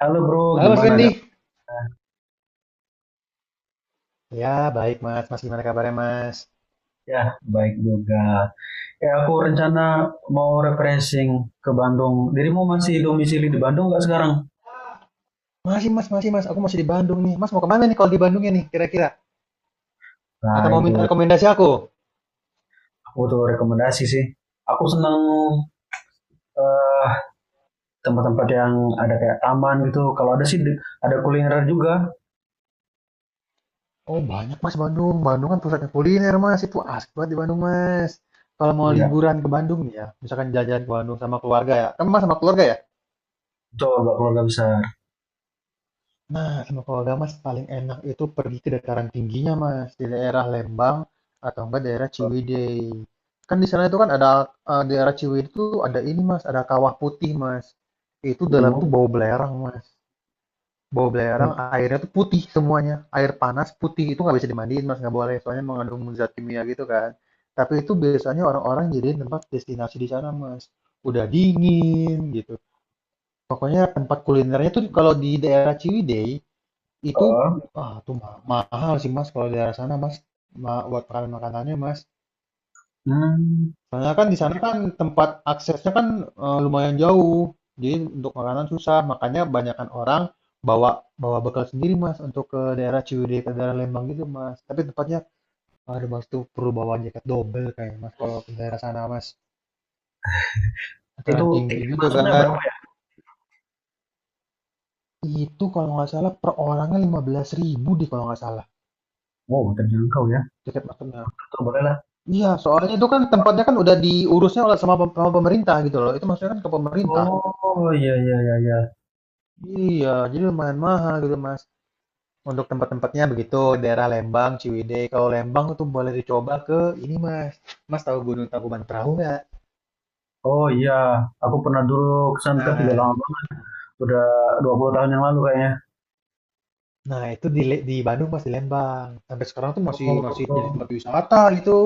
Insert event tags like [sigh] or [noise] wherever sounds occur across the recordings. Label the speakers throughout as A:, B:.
A: Halo bro,
B: Halo Mas
A: gimana kabar?
B: Randy. Ya, baik Mas. Mas gimana kabarnya Mas?
A: Ya, baik juga. Ya, aku rencana mau refreshing ke Bandung. Dirimu masih domisili di Bandung nggak sekarang?
B: Masih Mas, masih Mas. Aku masih di Bandung nih. Mas mau kemana nih kalau di Bandungnya nih kira-kira?
A: Nah,
B: Atau mau
A: itu
B: minta rekomendasi aku?
A: aku tuh rekomendasi sih. Aku senang eh, tempat-tempat yang ada kayak taman gitu. Kalau ada sih ada kuliner juga.
B: Oh banyak Mas Bandung. Bandung kan pusatnya kuliner Mas. Itu asik banget di Bandung Mas. Kalau mau
A: Oh ya,
B: liburan ke Bandung nih ya, misalkan jalan-jalan ke Bandung sama keluarga ya. Kamu Mas sama keluarga ya?
A: coba keluarga besar.
B: Nah, sama Powder, Mas, paling enak itu pergi ke dataran tingginya, Mas, di daerah Lembang atau enggak daerah Ciwidey. Kan di sana itu kan ada daerah Ciwidey itu ada ini, Mas, ada kawah putih, Mas. Itu dalam itu
A: Mm.
B: bau belerang, Mas. Bau belerang, airnya tuh putih semuanya. Air panas putih itu nggak bisa dimandiin, Mas, nggak boleh, soalnya mengandung zat kimia gitu kan. Tapi itu biasanya orang-orang jadi tempat destinasi di sana, Mas. Udah dingin gitu. Pokoknya tempat kulinernya tuh kalau di daerah Ciwidey itu
A: Heeh.
B: tuh mahal sih Mas kalau di daerah sana Mas. Buat makanan-makanannya Mas.
A: Hmm,
B: Karena kan di sana kan tempat aksesnya kan lumayan jauh. Jadi untuk makanan susah, makanya banyakkan orang bawa bawa bekal sendiri Mas untuk ke daerah Ciwidey ke daerah Lembang gitu Mas. Tapi tempatnya ada Mas tuh perlu bawa jaket double kayak Mas kalau ke daerah sana Mas.
A: itu
B: Dataran tinggi
A: tiket
B: gitu
A: masuknya
B: kan.
A: berapa ya?
B: Itu kalau nggak salah per orangnya 15 ribu deh kalau nggak salah.
A: Wow, terjangkau ya.
B: Jaket maksudnya.
A: Tuh, boleh lah.
B: Iya, soalnya itu kan tempatnya kan udah diurusnya oleh sama pemerintah gitu loh, itu maksudnya kan ke pemerintah.
A: Oh, iya, iya, iya, iya.
B: Iya, jadi lumayan mahal gitu Mas, untuk tempat-tempatnya begitu, daerah Lembang, Ciwidey. Kalau Lembang itu boleh dicoba ke ini Mas, Mas tahu Gunung Tangkuban Perahu nggak?
A: Oh iya, aku pernah dulu ke Suntec tidak
B: Nah,
A: lama banget, udah 20 tahun yang lalu kayaknya.
B: nah, itu di di Bandung Mas, di Lembang. Sampai sekarang tuh masih masih jadi
A: Oh,
B: tempat wisata gitu.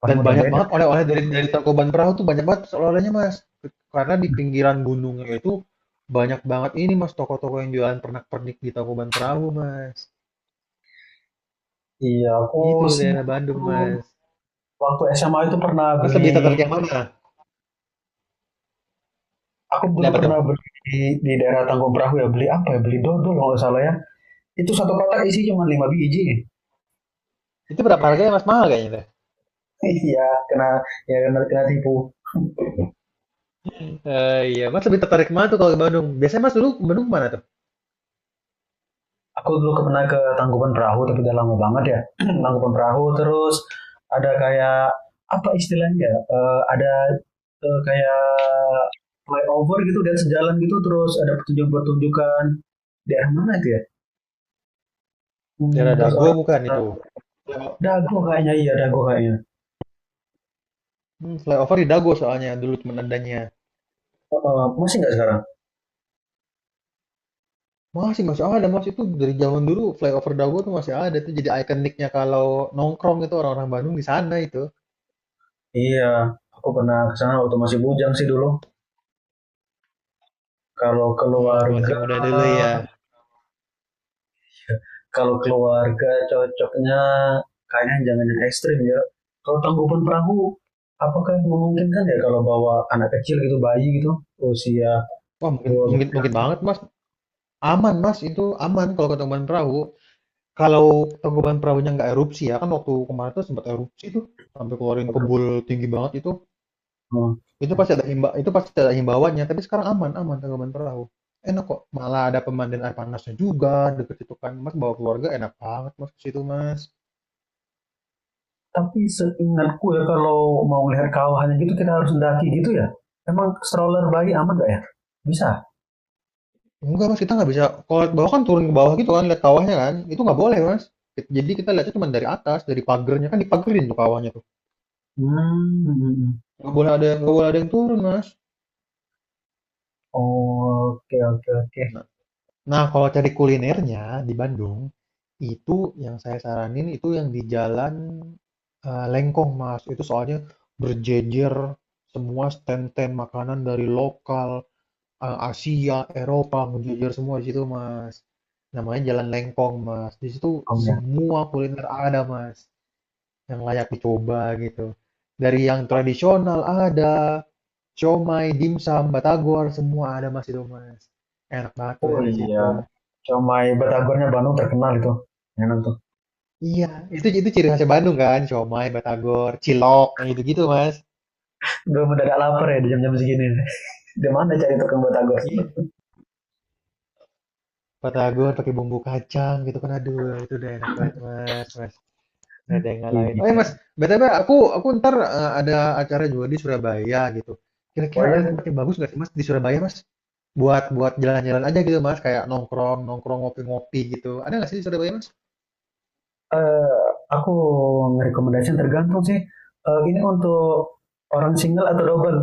A: paling
B: Dan
A: udah
B: banyak
A: beda.
B: banget oleh-oleh dari Tangkuban Perahu tuh banyak banget oleh-olehnya, Mas. Karena di pinggiran gunungnya itu banyak banget ini, Mas, toko-toko yang jualan pernak-pernik di Tangkuban Perahu, Mas.
A: Iya, aku
B: Itu
A: sih
B: daerah Bandung, Mas.
A: waktu SMA itu pernah
B: Mas lebih
A: beli.
B: tertarik yang mana?
A: Aku dulu
B: Lihat apa tuh?
A: pernah beli di daerah Tanggung Perahu ya, beli apa ya, beli dodol kalau nggak salah ya. Itu satu kotak isi cuma 5 biji. [laughs]
B: Itu berapa harganya, Mas? Mahal kayaknya tuh.
A: Iya, kena, ya, kena, kena tipu.
B: Eh, iya, Mas lebih tertarik mana tuh kalau ke Bandung? Biasanya Mas dulu ke Bandung mana tuh?
A: Aku dulu pernah ke Tangkuban Perahu tapi udah lama banget ya. [clears throat] Tangkuban Perahu, terus ada kayak apa istilahnya, ya? Ada kayak flyover gitu dan sejalan gitu, terus ada pertunjukan-pertunjukan, daerah mana itu ya?
B: Daerah
A: Terus
B: Dago
A: orang,
B: bukan
A: ah,
B: itu? Flyo-
A: Dago kayaknya, iya Dago kayaknya.
B: Flyover di Dago soalnya dulu temen adanya.
A: Oh, oh, masih nggak sekarang?
B: Masih masih ada Mas, itu dari zaman dulu flyover Dago tuh masih ada tuh jadi ikoniknya kalau nongkrong itu orang-orang Bandung di sana itu.
A: Iya, aku pernah kesana waktu masih bujang sih dulu. Kalau
B: Oh, waktu masih
A: keluarga,
B: muda dulu ya.
A: kalau keluarga cocoknya kayaknya jangan yang ekstrim ya. Kalau Tangkuban Perahu, apakah memungkinkan ya kalau bawa anak kecil gitu, bayi gitu, usia
B: Wah, mungkin
A: dua
B: mungkin mungkin banget Mas. Aman Mas, itu aman kalau ke Tangkuban Perahu. Kalau Tangkuban Perahunya nggak erupsi ya, kan waktu kemarin tuh sempat erupsi tuh sampai keluarin kebul tinggi banget itu.
A: bulan?
B: Itu pasti ada himbauannya, tapi sekarang aman aman Tangkuban Perahu. Enak kok, malah ada pemandian air panasnya juga deket itu kan. Mas bawa keluarga enak banget Mas ke situ Mas.
A: Tapi seingatku ya, kalau mau melihat kawahannya gitu kita harus mendaki gitu ya. Emang stroller bayi aman gak ya? Bisa.
B: Enggak, Mas, kita nggak bisa kalau lihat bawah kan turun ke bawah gitu kan, lihat kawahnya kan. Itu nggak boleh, Mas. Jadi kita lihatnya cuma dari atas, dari pagernya kan dipagerin tuh kawahnya tuh.
A: Hmm.
B: Nggak boleh ada yang turun, Mas.
A: Oke, oke, oke.
B: Nah, nah, kalau cari kulinernya di Bandung, itu yang saya saranin itu yang di Jalan Lengkong, Mas. Itu soalnya berjejer semua stand-stand makanan dari lokal, Asia, Eropa, menjejol semua di situ, Mas. Namanya Jalan Lengkong, Mas. Di situ
A: Om ya.
B: semua kuliner ada, Mas, yang layak dicoba gitu. Dari yang tradisional ada, siomay, dimsum, batagor, semua ada, Mas, itu, Mas. Enak banget tuh
A: Oh
B: dari
A: iya.
B: situ.
A: Comai batagornya Bandung terkenal itu. Enak tuh.
B: Iya, itu ciri khasnya Bandung kan, siomay, batagor, cilok, yang gitu-gitu, Mas.
A: Gue mendadak lapar ya di jam-jam segini. [laughs] Di mana cari tukang batagor?
B: Iya, batagor pakai bumbu kacang gitu kan, aduh, itu udah enak banget, Mas Mas. Nggak ada yang ngalahin. Oh ya Mas,
A: Iya.
B: BTW aku ntar ada acara juga di Surabaya gitu.
A: Oh
B: Kira-kira ada
A: ya.
B: tempat yang bagus nggak sih Mas di Surabaya Mas? Buat buat jalan-jalan aja gitu Mas, kayak nongkrong nongkrong ngopi-ngopi gitu. Ada nggak sih di Surabaya Mas?
A: Eh, aku ngerekomendasiin tergantung sih. Ini untuk orang single atau double?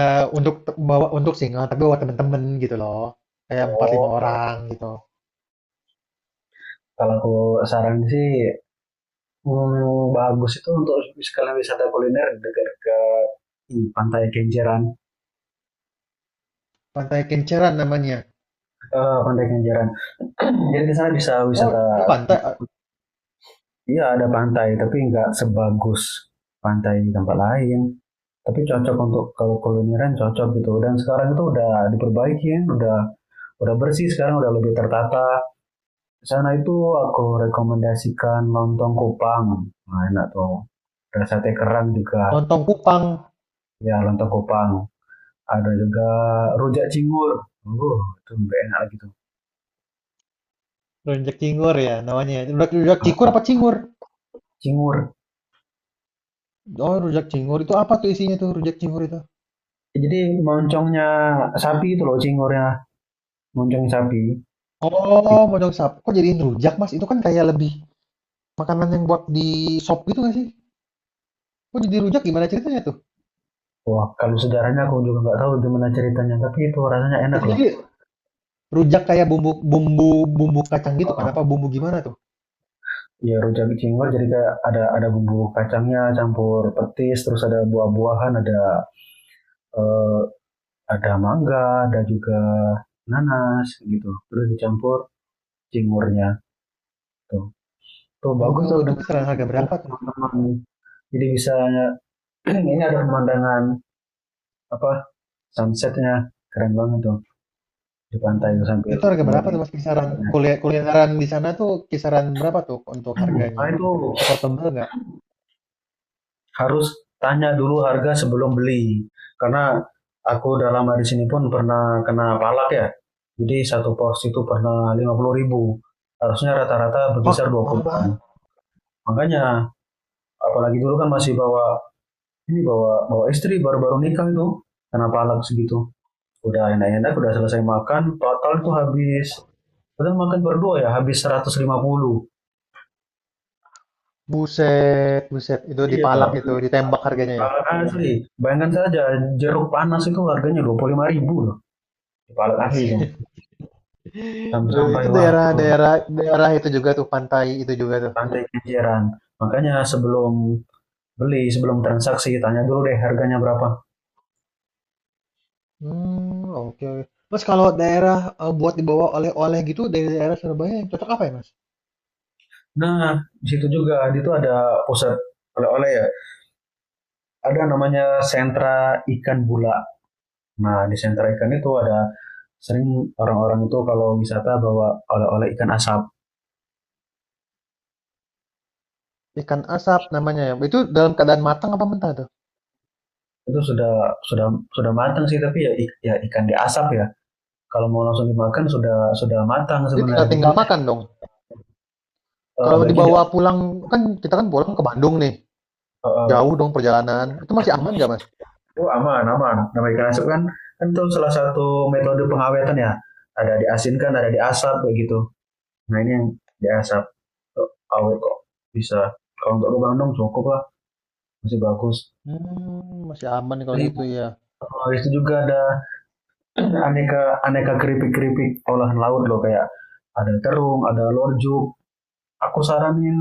B: Bawa untuk single tapi bawa temen-temen gitu loh. Kayak empat lima
A: Oh.
B: orang gitu.
A: Kalau aku saran sih, bagus itu untuk sekalian wisata kuliner dekat ke pantai Kenjeran.
B: Pantai Kenceran namanya.
A: Pantai Kenjeran. [clears throat] Jadi di sana bisa
B: Oh
A: wisata,
B: ada pantai, eh,
A: iya, ada pantai, tapi nggak sebagus pantai di tempat lain. Tapi cocok untuk kalau kulineran cocok gitu. Dan sekarang itu udah diperbaiki, ya. Udah bersih sekarang, udah lebih tertata. Di sana itu aku rekomendasikan lontong kupang, nah, enak tuh. Ada sate kerang juga,
B: Lontong Kupang,
A: ya lontong kupang. Ada juga rujak cingur, itu lebih enak lagi tuh.
B: Rujak Cingur ya namanya. Rujak, rujak Cikur apa
A: Ah,
B: Cingur?
A: Cingur.
B: Oh rujak Cingur itu apa tuh isinya tuh rujak Cingur itu?
A: Ya, jadi moncongnya sapi itu loh, cingurnya moncong sapi
B: Oh,
A: itu.
B: modal sapi. Kok jadiin rujak, Mas? Itu kan kayak lebih makanan yang buat di shop gitu nggak sih? Kok jadi rujak gimana ceritanya tuh?
A: Wah, kalau sejarahnya aku juga nggak tahu gimana ceritanya, tapi itu rasanya enak
B: Itu
A: loh.
B: jadi rujak kayak bumbu bumbu bumbu kacang gitu kan? Apa
A: Ah,
B: bumbu gimana tuh?
A: Ya rujak cingur jadi kayak ada bumbu kacangnya campur petis, terus ada buah-buahan, ada eh, ada mangga, ada juga nanas gitu, terus dicampur cingurnya tuh.
B: Oh,
A: Bagus
B: oh,
A: tuh
B: itu
A: dengan
B: kisaran harga
A: dengan
B: berapa tuh?
A: teman-teman, jadi bisa ini, ada pemandangan, apa, sunsetnya keren banget tuh di pantai tuh
B: Hmm,
A: sambil
B: Itu harga berapa
A: menikmati.
B: tuh Mas kisaran? Kulineran di sana tuh kisaran berapa tuh untuk harganya?
A: Nah itu
B: Affordable nggak?
A: harus tanya dulu harga sebelum beli, karena aku udah lama di sini pun pernah kena palak ya. Jadi satu porsi itu pernah 50 ribu. Harusnya rata-rata
B: Hah,
A: berkisar
B: mahal banget.
A: 20-an. Makanya, apalagi dulu kan masih bawa ini, bawa bawa istri baru-baru nikah itu, kena palak segitu. Udah enak-enak udah selesai makan, total tuh habis. Padahal makan berdua ya habis 150.
B: Buset, buset. Itu
A: Iya.
B: dipalak itu, ditembak harganya ya.
A: Alat asli. Bayangkan saja jeruk panas itu harganya 25 ribu loh. Alat asli itu.
B: Buset. [laughs] Itu
A: Sampai waduh,
B: daerah-daerah daerah itu juga tuh pantai itu juga tuh.
A: pantai kejaran. Makanya sebelum beli, sebelum transaksi, tanya dulu deh harganya berapa.
B: Hmm, oke oke. Mas, kalau daerah, buat dibawa oleh-oleh gitu dari daerah Surabaya yang cocok apa ya, Mas?
A: Nah, di situ juga, di situ ada pusat oleh-oleh ya. Ada namanya sentra ikan bula. Nah, di sentra ikan itu ada sering orang-orang itu kalau wisata bawa oleh-oleh ikan asap.
B: Ikan asap namanya ya? Itu dalam keadaan matang apa mentah tuh?
A: Itu sudah sudah matang sih, tapi ya, ikan diasap ya. Kalau mau langsung dimakan sudah matang
B: Itu tinggal
A: sebenarnya, tapi
B: tinggal
A: biasanya,
B: makan dong? Kalau
A: baiknya dia
B: dibawa pulang kan kita kan pulang ke Bandung nih,
A: eh,
B: jauh dong perjalanan, itu masih aman nggak, Mas?
A: oh, aman, aman. Nama ikan asap kan, itu salah satu metode pengawetan ya, ada diasinkan ada diasap kayak gitu. Nah ini yang diasap tuh awet kok, bisa kalau untuk lubang dong cukup lah, masih bagus.
B: Masih aman kalau
A: Jadi,
B: gitu ya.
A: itu juga ada aneka aneka keripik keripik olahan laut loh, kayak ada terung, ada lorjuk. Aku saranin,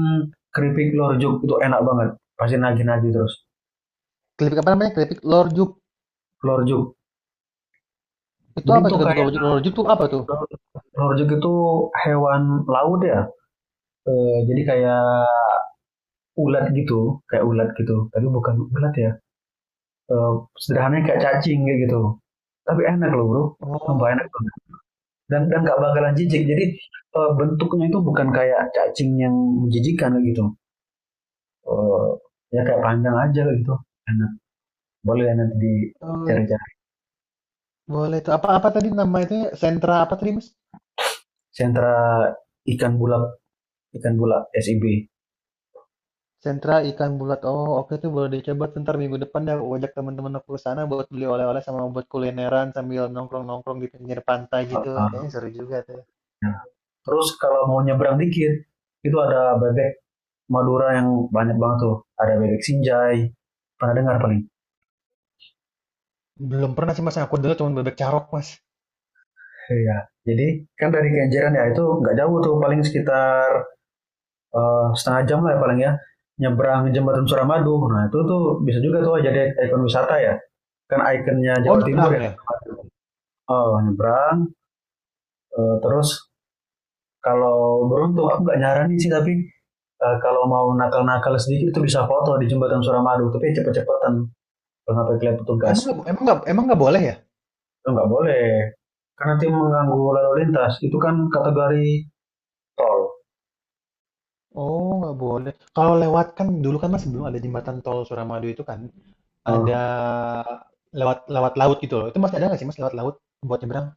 A: keripik lorjuk itu enak banget. Pasti nagih-nagih terus.
B: Keripik apa namanya? Keripik lorjuk,
A: Lorjuk.
B: itu
A: Jadi
B: apa tuh
A: tuh
B: keripik
A: kayak,
B: lorjuk lorjuk tuh apa tuh?
A: lorjuk itu hewan laut ya. Jadi kayak ulat gitu, kayak ulat gitu. Tapi bukan ulat ya. Eh, Sederhananya kayak cacing kayak gitu. Tapi enak loh bro. Sumpah enak
B: Oh,
A: banget. Dan nggak bakalan jijik. Jadi bentuknya itu bukan kayak cacing yang menjijikan kayak gitu. Eh, Ya kayak panjang aja kayak gitu. Enak. Boleh ya nanti
B: itu,
A: dicari-cari.
B: boleh tuh. Apa apa tadi nama itunya sentra apa tadi, Mas?
A: Sentra ikan bula, ikan bula, SIB.
B: Sentra ikan bulat. Oh, oke tuh boleh dicoba tuh ntar minggu depan dah aku ajak teman temen aku ke sana buat beli oleh-oleh sama buat kulineran sambil nongkrong-nongkrong di pinggir pantai gitu.
A: Uh,
B: Kayaknya seru juga tuh.
A: nah, terus kalau mau nyebrang dikit, itu ada bebek Madura yang banyak banget tuh. Ada bebek Sinjai, pernah dengar paling.
B: Belum pernah sih mas, yang aku dengar cuma bebek carok mas.
A: Iya. Jadi kan dari Kenjeran ya itu nggak jauh tuh, paling sekitar setengah jam lah ya paling ya, nyebrang jembatan Suramadu. Nah itu tuh bisa juga tuh jadi ikon wisata ya. Kan ikonnya
B: Oh
A: Jawa Timur ya.
B: nyebrang ya?
A: Oh nyebrang, terus kalau beruntung, aku nggak nyaranin sih, tapi kalau mau nakal-nakal sedikit itu bisa foto di jembatan Suramadu tapi cepet-cepetan, kalau sampai kelihatan petugas
B: Emang nggak boleh ya?
A: itu nggak boleh, karena nanti mengganggu lalu lintas, itu kan kategori tol.
B: Oh nggak boleh. Kalau lewat kan dulu kan mas sebelum ada jembatan tol Suramadu itu kan
A: Eh,
B: ada lewat lewat laut gitu loh. Itu masih ada nggak sih mas lewat laut buat nyebrang?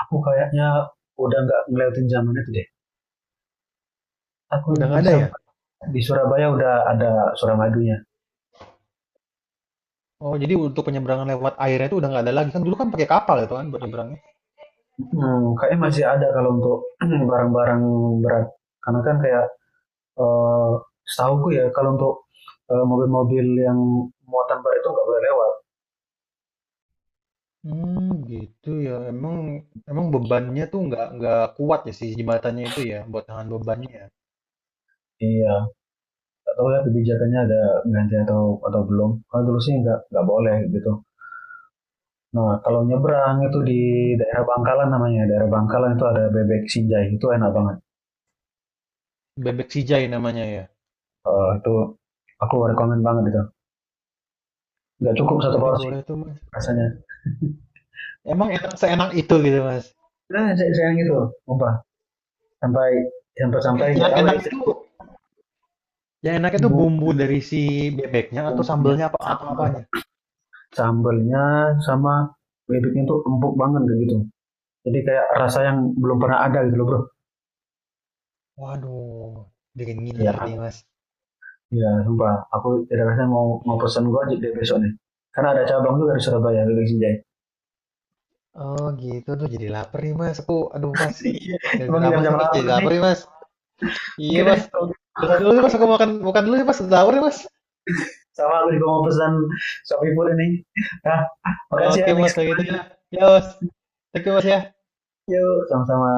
A: aku kayaknya udah nggak ngeliatin zaman itu deh, aku
B: Udah nggak ada ya?
A: Di Surabaya udah ada Suramadunya.
B: Oh jadi untuk penyeberangan lewat airnya itu udah nggak ada lagi kan dulu kan pakai kapal itu kan buat nyebrangnya.
A: Kayaknya masih ada kalau untuk [clears throat] barang-barang berat, karena kan kayak eh setahuku ya, kalau untuk mobil-mobil yang muatan berat itu nggak boleh lewat.
B: Hmm Gitu ya. Emang emang bebannya tuh nggak kuat ya si jembatannya itu ya, buat tahan bebannya ya?
A: Iya, nggak tahu ya kebijakannya ada ganti atau belum. Kalau dulu sih nggak boleh gitu. Nah, kalau nyebrang itu di
B: Mmm,
A: daerah Bangkalan namanya, daerah Bangkalan itu ada bebek Sinjai, itu enak banget.
B: Bebek Sijai namanya ya?
A: Itu aku rekomend banget itu. Nggak cukup
B: Oke
A: satu
B: deh
A: porsi
B: boleh tuh, Mas.
A: rasanya.
B: Emang enak seenak itu gitu, Mas?
A: Nah, saya sayang gitu, lupa, sampai sampai sampai
B: Yang
A: nggak
B: yang
A: tahu ya
B: enak
A: istri.
B: itu yang enak itu bumbu dari si bebeknya atau
A: Bumbunya
B: sambelnya apa atau
A: sambal,
B: apanya?
A: sambalnya sama bebeknya itu empuk banget kayak gitu. Jadi kayak rasa yang belum pernah ada gitu loh bro.
B: Waduh, bikin
A: Iya.
B: ngiler nih, Mas.
A: Iya, sumpah. Aku tidak rasa mau mau pesan
B: Iya.
A: gua aja deh besok nih. Karena ada cabang juga di Surabaya, Bebek Sinjai.
B: Oh gitu, tuh jadi lapar nih, Mas, aku. Aduh, Mas,
A: Iya. [laughs] Emang
B: gara-gara Mas
A: jam-jam
B: aku jadi
A: lapar
B: laper nih,
A: nih.
B: Mas. Iya,
A: Oke
B: Mas.
A: deh,
B: Udah dulu nih, Mas, aku makan makan dulu nih, Mas, sahur nih, Mas.
A: sama aku juga mau pesan Shopee Food ini. Nah, makasih
B: Oke,
A: ya,
B: bos
A: next
B: kayak
A: kita
B: gitu ya.
A: lanjut.
B: Ya, bos, thank you, bos ya.
A: Yuk, sama-sama.